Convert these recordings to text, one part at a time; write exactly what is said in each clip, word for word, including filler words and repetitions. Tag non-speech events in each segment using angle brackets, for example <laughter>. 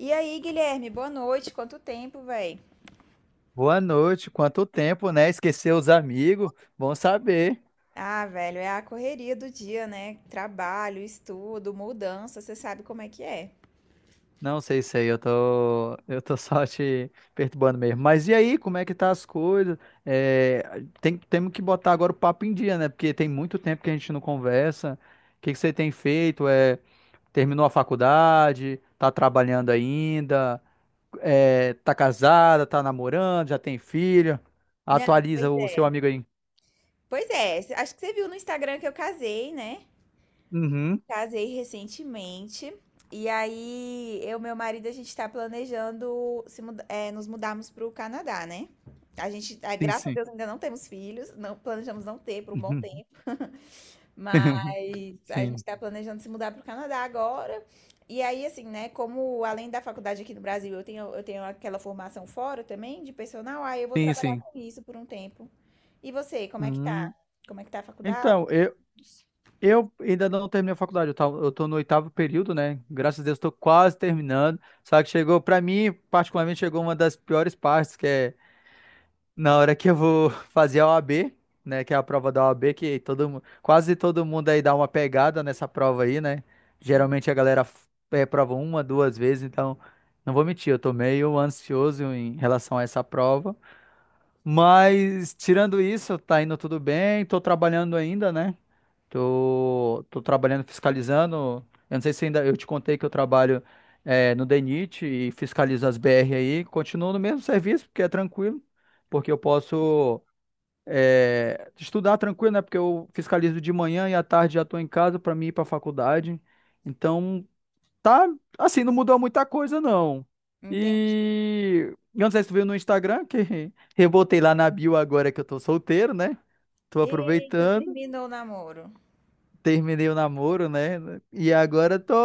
E aí, Guilherme, boa noite. Quanto tempo, velho? Boa noite, quanto tempo, né? Esqueceu os amigos? Bom saber. Ah, velho, é a correria do dia, né? Trabalho, estudo, mudança, você sabe como é que é. Não sei se aí eu tô, eu tô <laughs> só te perturbando mesmo. Mas e aí, como é que tá as coisas? É, tem, temos que botar agora o papo em dia, né? Porque tem muito tempo que a gente não conversa. O que que você tem feito? É, terminou a faculdade? Tá trabalhando ainda? É, tá casada? Tá namorando? Já tem filho? Não, pois Atualiza o seu é. amigo aí. Pois é, cê- acho que você viu no Instagram que eu casei, né? Uhum, Casei recentemente. E aí, eu e meu marido, a gente tá planejando se muda- é, nos mudarmos pro Canadá, né? A gente, ah, sim, graças a sim. Deus, ainda não temos filhos, não planejamos não ter por um bom tempo. Mas <laughs> a gente Sim, está planejando se mudar para o Canadá agora. E aí, assim, né? Como além da faculdade aqui no Brasil, eu tenho, eu tenho aquela formação fora também de personal, aí eu vou sim, trabalhar sim. com isso por um tempo. E você, como é que tá? Hum, Como é que tá a faculdade? então, eu, eu ainda não terminei a faculdade, eu, tava, eu tô no oitavo período, né? Graças a Deus, tô quase terminando. Só que chegou, pra mim, particularmente, chegou uma das piores partes, que é na hora que eu vou <laughs> fazer a O A B, né? Que é a prova da O A B, que todo, mu- quase todo mundo aí dá uma pegada nessa prova aí, né? Sim, Geralmente a galera f- é, prova uma, duas vezes, então, não vou mentir, eu tô meio ansioso em relação a essa prova. Mas, tirando isso, tá indo tudo bem, tô trabalhando ainda, né? Tô, tô trabalhando fiscalizando. Eu não sei se ainda eu te contei que eu trabalho é, no DENIT e fiscalizo as B R aí. Continuo no mesmo serviço, porque é tranquilo, porque eu posso é, estudar tranquilo, né? Porque eu fiscalizo de manhã e à tarde já tô em casa para mim ir para a faculdade. Então, tá assim, não mudou muita coisa, não. entendi. E eu não sei se tu viu no Instagram, que <laughs> rebotei lá na bio agora que eu tô solteiro, né? Tô Eita, aproveitando, terminou o namoro. terminei o namoro, né? E agora tô,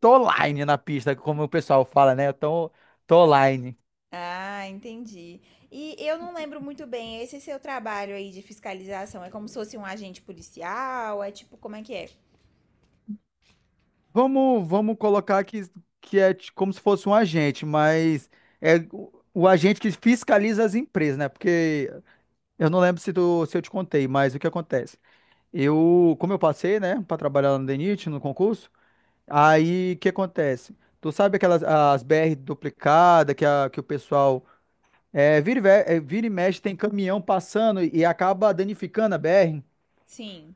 tô online na pista, como o pessoal fala, né? Tô, tô online. Ah, entendi. E eu não lembro muito bem, esse seu trabalho aí de fiscalização é como se fosse um agente policial? É tipo, como é que é? Vamos, vamos colocar que, que é ti- como se fosse um agente, mas é o, o agente que fiscaliza as empresas, né? Porque eu não lembro se, tu, se eu te contei, mas o que acontece? Eu, como eu passei, né, para trabalhar lá no DENIT, no concurso, aí o que acontece? Tu sabe aquelas as B R duplicada que, a, que o pessoal É, vira, e ve- é, vira e mexe, tem caminhão passando e acaba danificando a B R. Sim,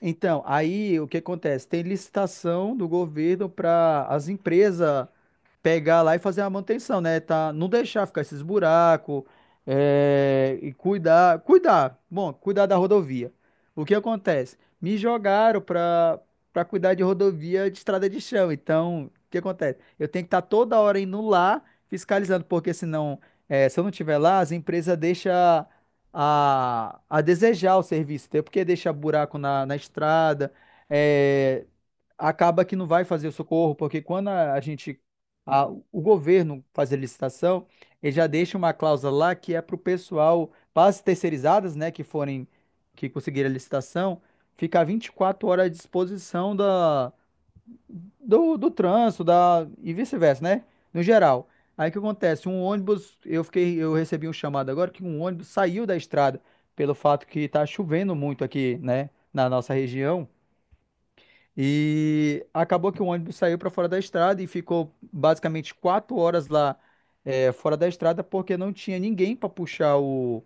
Então, aí o que acontece? Tem licitação do governo para as empresas pegar lá e fazer a manutenção, né? Tá, não deixar ficar esses buracos, é, e cuidar, cuidar, bom, cuidar da rodovia. O que acontece? Me jogaram para para cuidar de rodovia de estrada de chão. Então, o que acontece? Eu tenho que estar toda hora indo lá fiscalizando, porque senão, é, se eu não estiver lá, as empresas deixam a, a desejar o serviço, entendeu? Porque deixa buraco na, na estrada, é, acaba que não vai fazer o socorro, porque quando a, a gente, a- o governo faz a licitação, ele já deixa uma cláusula lá que é para o pessoal, para as terceirizadas, né, que forem, que conseguirem a licitação, ficar vinte e quatro horas à disposição da, do, do trânsito, da, e vice-versa, né, no geral. Aí o que acontece? Um ônibus, eu fiquei, eu recebi um chamado agora que um ônibus saiu da estrada pelo fato que está chovendo muito aqui, né, na nossa região. E acabou que o ônibus saiu para fora da estrada e ficou basicamente quatro horas lá, é, fora da estrada porque não tinha ninguém para puxar o,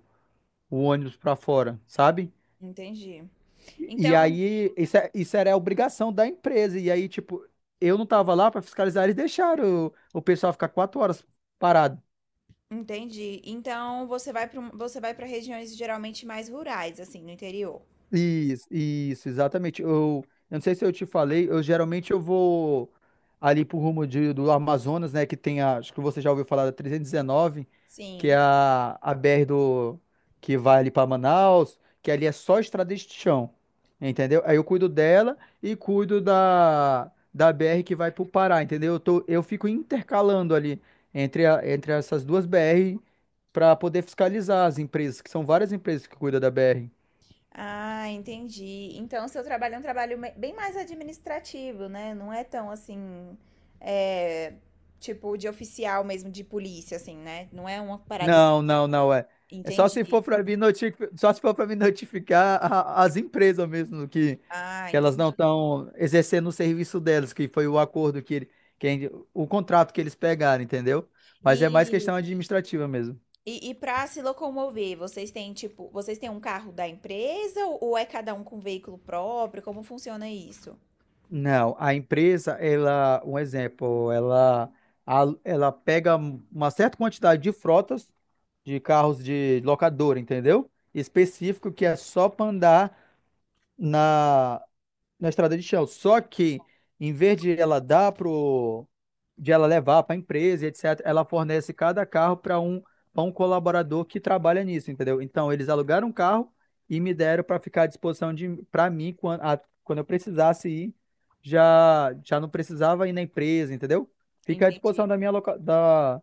o ônibus para fora, sabe? entendi. E, e Então, aí isso, é- isso era a obrigação da empresa. E aí, tipo, eu não tava lá para fiscalizar, eles deixaram o, o pessoal ficar quatro horas parado. entendi. Então você vai para você vai para regiões geralmente mais rurais, assim, no interior. Isso, isso, exatamente. Eu, eu não sei se eu te falei, eu geralmente eu vou ali pro rumo de- do Amazonas, né, que tem a, acho que você já ouviu falar da trezentos e dezenove, que é Sim. a, a B R do, que vai ali para Manaus, que ali é só estrada de chão, entendeu? Aí eu cuido dela e cuido da, da B R que vai pro Pará, entendeu? Eu tô, eu fico intercalando ali entre, a- entre essas duas B R para poder fiscalizar as empresas, que são várias empresas que cuidam da B R. Ah, entendi. Então seu trabalho é um trabalho me- bem mais administrativo, né? Não é tão assim, é, tipo de oficial mesmo de polícia, assim, né? Não é uma parada assim. Não, não, não é. É só se Entendi. for para me notificar, só se for para me notificar a- as empresas mesmo que, Ah, que elas não entendi. estão exercendo o serviço delas, que foi o acordo que, ele- que ele- o contrato que eles pegaram, entendeu? Mas é mais E, questão administrativa mesmo. e, e para se locomover, vocês têm tipo, vocês têm um carro da empresa ou ou é cada um com veículo próprio? Como funciona isso? Não, a empresa, ela, um exemplo, ela, a- ela pega uma certa quantidade de frotas de carros de locadora, entendeu? Específico que é só para andar na na estrada de chão. Só que, em vez de ela dar pro, de ela levar para a empresa, etcétera, ela fornece cada carro para um, para um colaborador que trabalha nisso, entendeu? Então, eles alugaram um carro e me deram para ficar à disposição de para mim quando, a- quando eu precisasse ir, já já não precisava ir na empresa, entendeu? Fica à disposição Entendi. da minha loca, da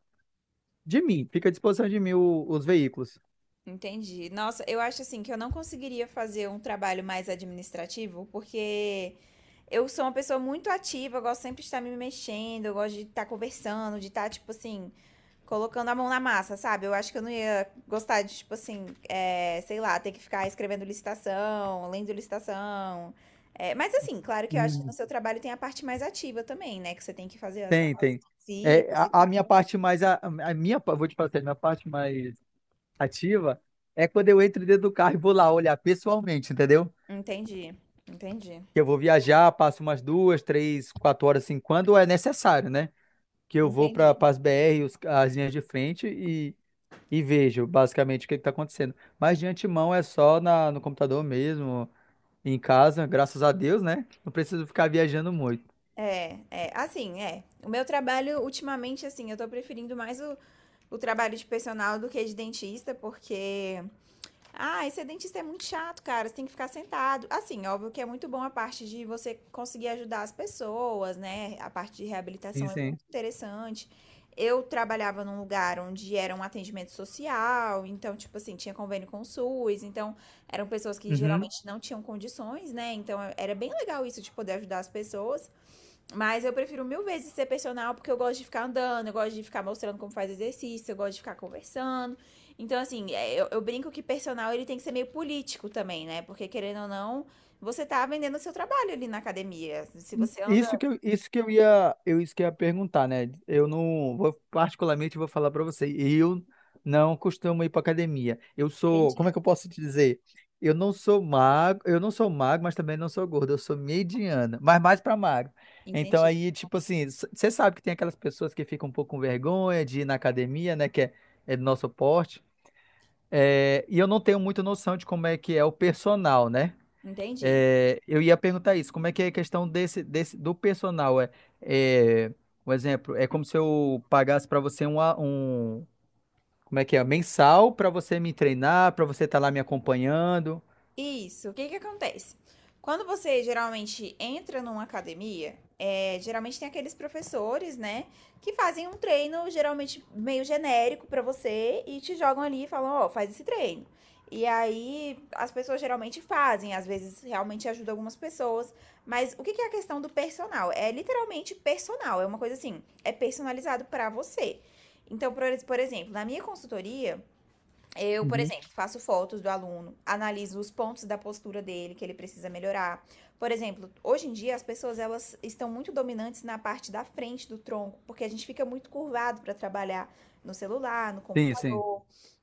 de mim, fica à disposição de mim o- os veículos. Entendi. Nossa, eu acho assim que eu não conseguiria fazer um trabalho mais administrativo, porque eu sou uma pessoa muito ativa, eu gosto sempre de estar me mexendo, eu gosto de estar conversando, de estar, tipo assim, colocando a mão na massa, sabe? Eu acho que eu não ia gostar de, tipo assim, é, sei lá, ter que ficar escrevendo licitação, lendo licitação. É, mas assim, claro que eu acho que no Hum. seu trabalho tem a parte mais ativa também, né? Que você tem que fazer as Tem, as tem. É, visitas e a, a minha tal. parte mais a, a minha, pa- vou te passar, a minha parte mais ativa é quando eu entro dentro do carro e vou lá olhar pessoalmente, entendeu? Entendi, entendi, Que eu vou viajar, passo umas duas, três, quatro horas assim, quando é necessário, né? Que eu vou entendi. para as B R, os- as linhas de frente e, e vejo basicamente o que está acontecendo. Mas de antemão é só na, no computador mesmo, em casa, graças a Deus, né? Não preciso ficar viajando muito. É, é, assim, é. O meu trabalho, ultimamente, assim, eu tô preferindo mais o, o trabalho de personal do que de dentista, porque. Ah, esse dentista é muito chato, cara. Você tem que ficar sentado. Assim, óbvio que é muito bom a parte de você conseguir ajudar as pessoas, né? A parte de Sim, reabilitação é sim. muito interessante. Eu trabalhava num lugar onde era um atendimento social, então, tipo assim, tinha convênio com o suce, então eram pessoas que Uhum. geralmente não tinham condições, né? Então era bem legal isso de poder ajudar as pessoas. Mas eu prefiro mil vezes ser personal porque eu gosto de ficar andando, eu gosto de ficar mostrando como faz exercício, eu gosto de ficar conversando. Então, assim, é, eu, eu brinco que personal ele tem que ser meio político também, né? Porque querendo ou não, você tá vendendo o seu trabalho ali na academia. Se você Isso anda. que eu, isso que eu ia, eu isso que eu ia perguntar, né? Eu não vou, particularmente vou falar para você, eu não costumo ir para academia. Eu sou, Entendi, como é que eu posso te dizer? Eu não sou magro, eu não sou magro, mas também não sou gordo, eu sou mediana, mas mais para magro. Então entendi, aí, tipo assim, você sabe que tem aquelas pessoas que ficam um pouco com vergonha de ir na academia, né, que é, é do nosso porte. É, e eu não tenho muita noção de como é que é o personal, né? entendi. É, eu ia perguntar isso, como é que é a questão desse, desse do personal? É, é, Um exemplo, é como se eu pagasse para você um, a- um, como é que é, mensal para você me treinar, para você estar lá me acompanhando. Isso. O que que acontece? Quando você geralmente entra numa academia, é, geralmente tem aqueles professores, né, que fazem um treino geralmente meio genérico pra você e te jogam ali e falam, ó, faz esse treino. E aí as pessoas geralmente fazem, às vezes realmente ajuda algumas pessoas, mas o que que é a questão do personal? É literalmente personal, é uma coisa assim, é personalizado pra você. Então, por, por exemplo, na minha consultoria, eu, por Uhum. exemplo, faço fotos do aluno, analiso os pontos da postura dele que ele precisa melhorar. Por exemplo, hoje em dia as pessoas elas estão muito dominantes na parte da frente do tronco, porque a gente fica muito curvado para trabalhar no celular, no Sim, computador. sim.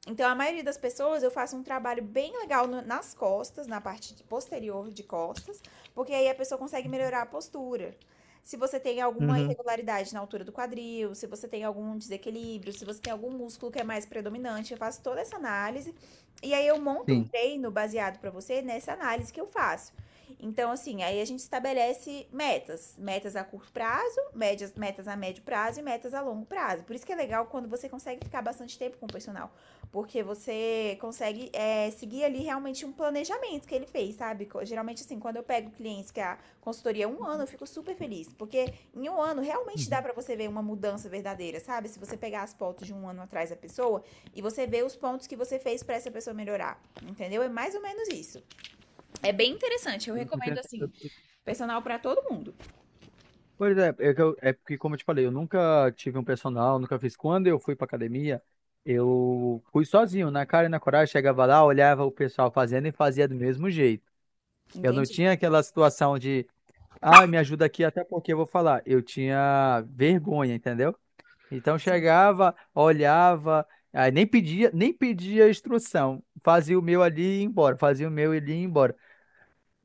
Então, a maioria das pessoas, eu faço um trabalho bem legal nas costas, na parte posterior de costas, porque aí a pessoa consegue melhorar a postura. Se você tem alguma Uhum, irregularidade na altura do quadril, se você tem algum desequilíbrio, se você tem algum músculo que é mais predominante, eu faço toda essa análise e aí eu monto um sim. treino baseado para você nessa análise que eu faço. Então, assim, aí a gente estabelece metas, metas a curto prazo, médias, metas a médio prazo e metas a longo prazo. Por isso que é legal quando você consegue ficar bastante tempo com o personal. Porque você consegue é, seguir ali realmente um planejamento que ele fez, sabe? Geralmente, assim, quando eu pego clientes que a consultoria é um ano, eu fico super feliz. Porque em um ano realmente dá Uhum. pra você ver uma mudança verdadeira, sabe? Se você pegar as fotos de um ano atrás da pessoa e você ver os pontos que você fez pra essa pessoa melhorar. Entendeu? É mais ou menos isso. É bem interessante. Eu Agora eu tô recomendo, entendendo. Eu- assim, eu- personal pra todo mundo. Pois é, é, que eu- é porque, como eu te falei, eu nunca tive um personal, nunca fiz. Quando eu fui pra academia, eu fui sozinho, na cara e na coragem, chegava lá, olhava o pessoal fazendo e fazia do mesmo jeito. Eu não Entendi. tinha aquela situação. Ah, me ajuda aqui, até porque eu vou falar. Eu tinha vergonha, entendeu? Então Sim. chegava, olhava, aí nem pedia, nem pedia instrução. Fazia o meu ali e ia embora, fazia o meu ali e ia embora.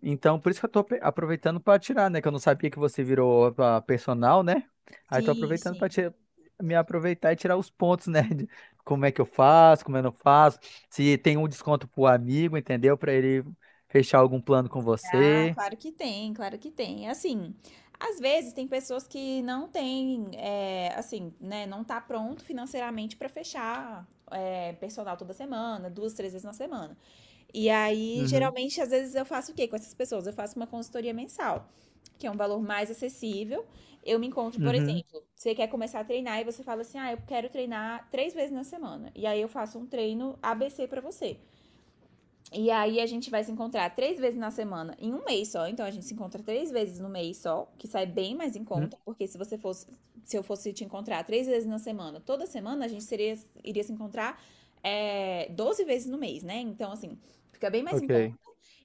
Então, por isso que eu tô ape- aproveitando para tirar, né? Que eu não sabia que você virou ah, personal, né? Aí tô Sim, aproveitando para sim. me aproveitar e tirar os pontos, <laughs> né? De como é que eu faço, como eu não faço, se tem um desconto pro amigo, entendeu? Para ele fechar algum plano com Ah, você. claro que tem, claro que tem. Assim, às vezes tem pessoas que não têm, é, assim, né, não tá pronto financeiramente para fechar é, personal toda semana, duas, três vezes na semana. E aí, Uhum, geralmente, às vezes eu faço o quê com essas pessoas? Eu faço uma consultoria mensal, que é um valor mais acessível. Eu me encontro, por uhum. exemplo, você quer começar a treinar e você fala assim, ah, eu quero treinar três vezes na semana. E aí eu faço um treino A B C para você. E aí a gente vai se encontrar três vezes na semana, em um mês só. Então a gente se encontra três vezes no mês só, que sai bem mais em hum, conta, porque se você fosse, se eu fosse te encontrar três vezes na semana, toda semana a gente seria, iria se encontrar é, doze vezes no mês, né? Então assim, fica bem mais em conta. Ok.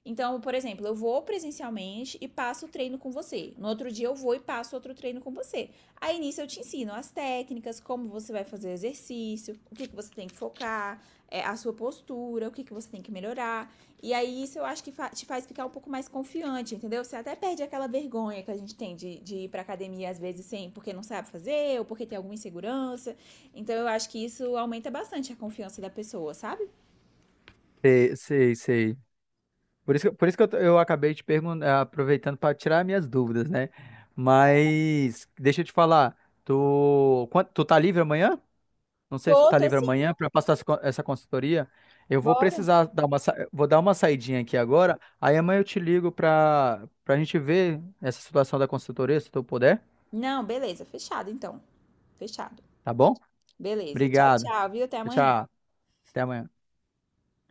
Então, por exemplo, eu vou presencialmente e passo o treino com você. No outro dia eu vou e passo outro treino com você. Aí nisso eu te ensino as técnicas, como você vai fazer o exercício, o que, que você tem que focar, é, a sua postura, o que, que você tem que melhorar. E aí isso eu acho que fa- te faz ficar um pouco mais confiante, entendeu? Você até perde aquela vergonha que a gente tem de, de ir pra academia às vezes sem, porque não sabe fazer ou porque tem alguma insegurança. Então eu acho que isso aumenta bastante a confiança da pessoa, sabe? Sei, sei, sei. Por isso que, por isso que eu, t- eu acabei te perguntando, aproveitando para tirar minhas dúvidas, né? Mas deixa eu te falar, tu, quan- tu tá livre amanhã? Não sei se tu Tô, tá tô livre sim, amanhã para passar essa con- essa consultoria. Eu vou bora. precisar dar uma, sa- vou dar uma saidinha aqui agora. Aí amanhã eu te ligo para para gente ver essa situação da consultoria, se tu puder, Não, beleza, fechado então. Fechado. tá bom? Beleza, tchau, Obrigado. tchau, viu? Até Tchau, amanhã. tchau. Até amanhã.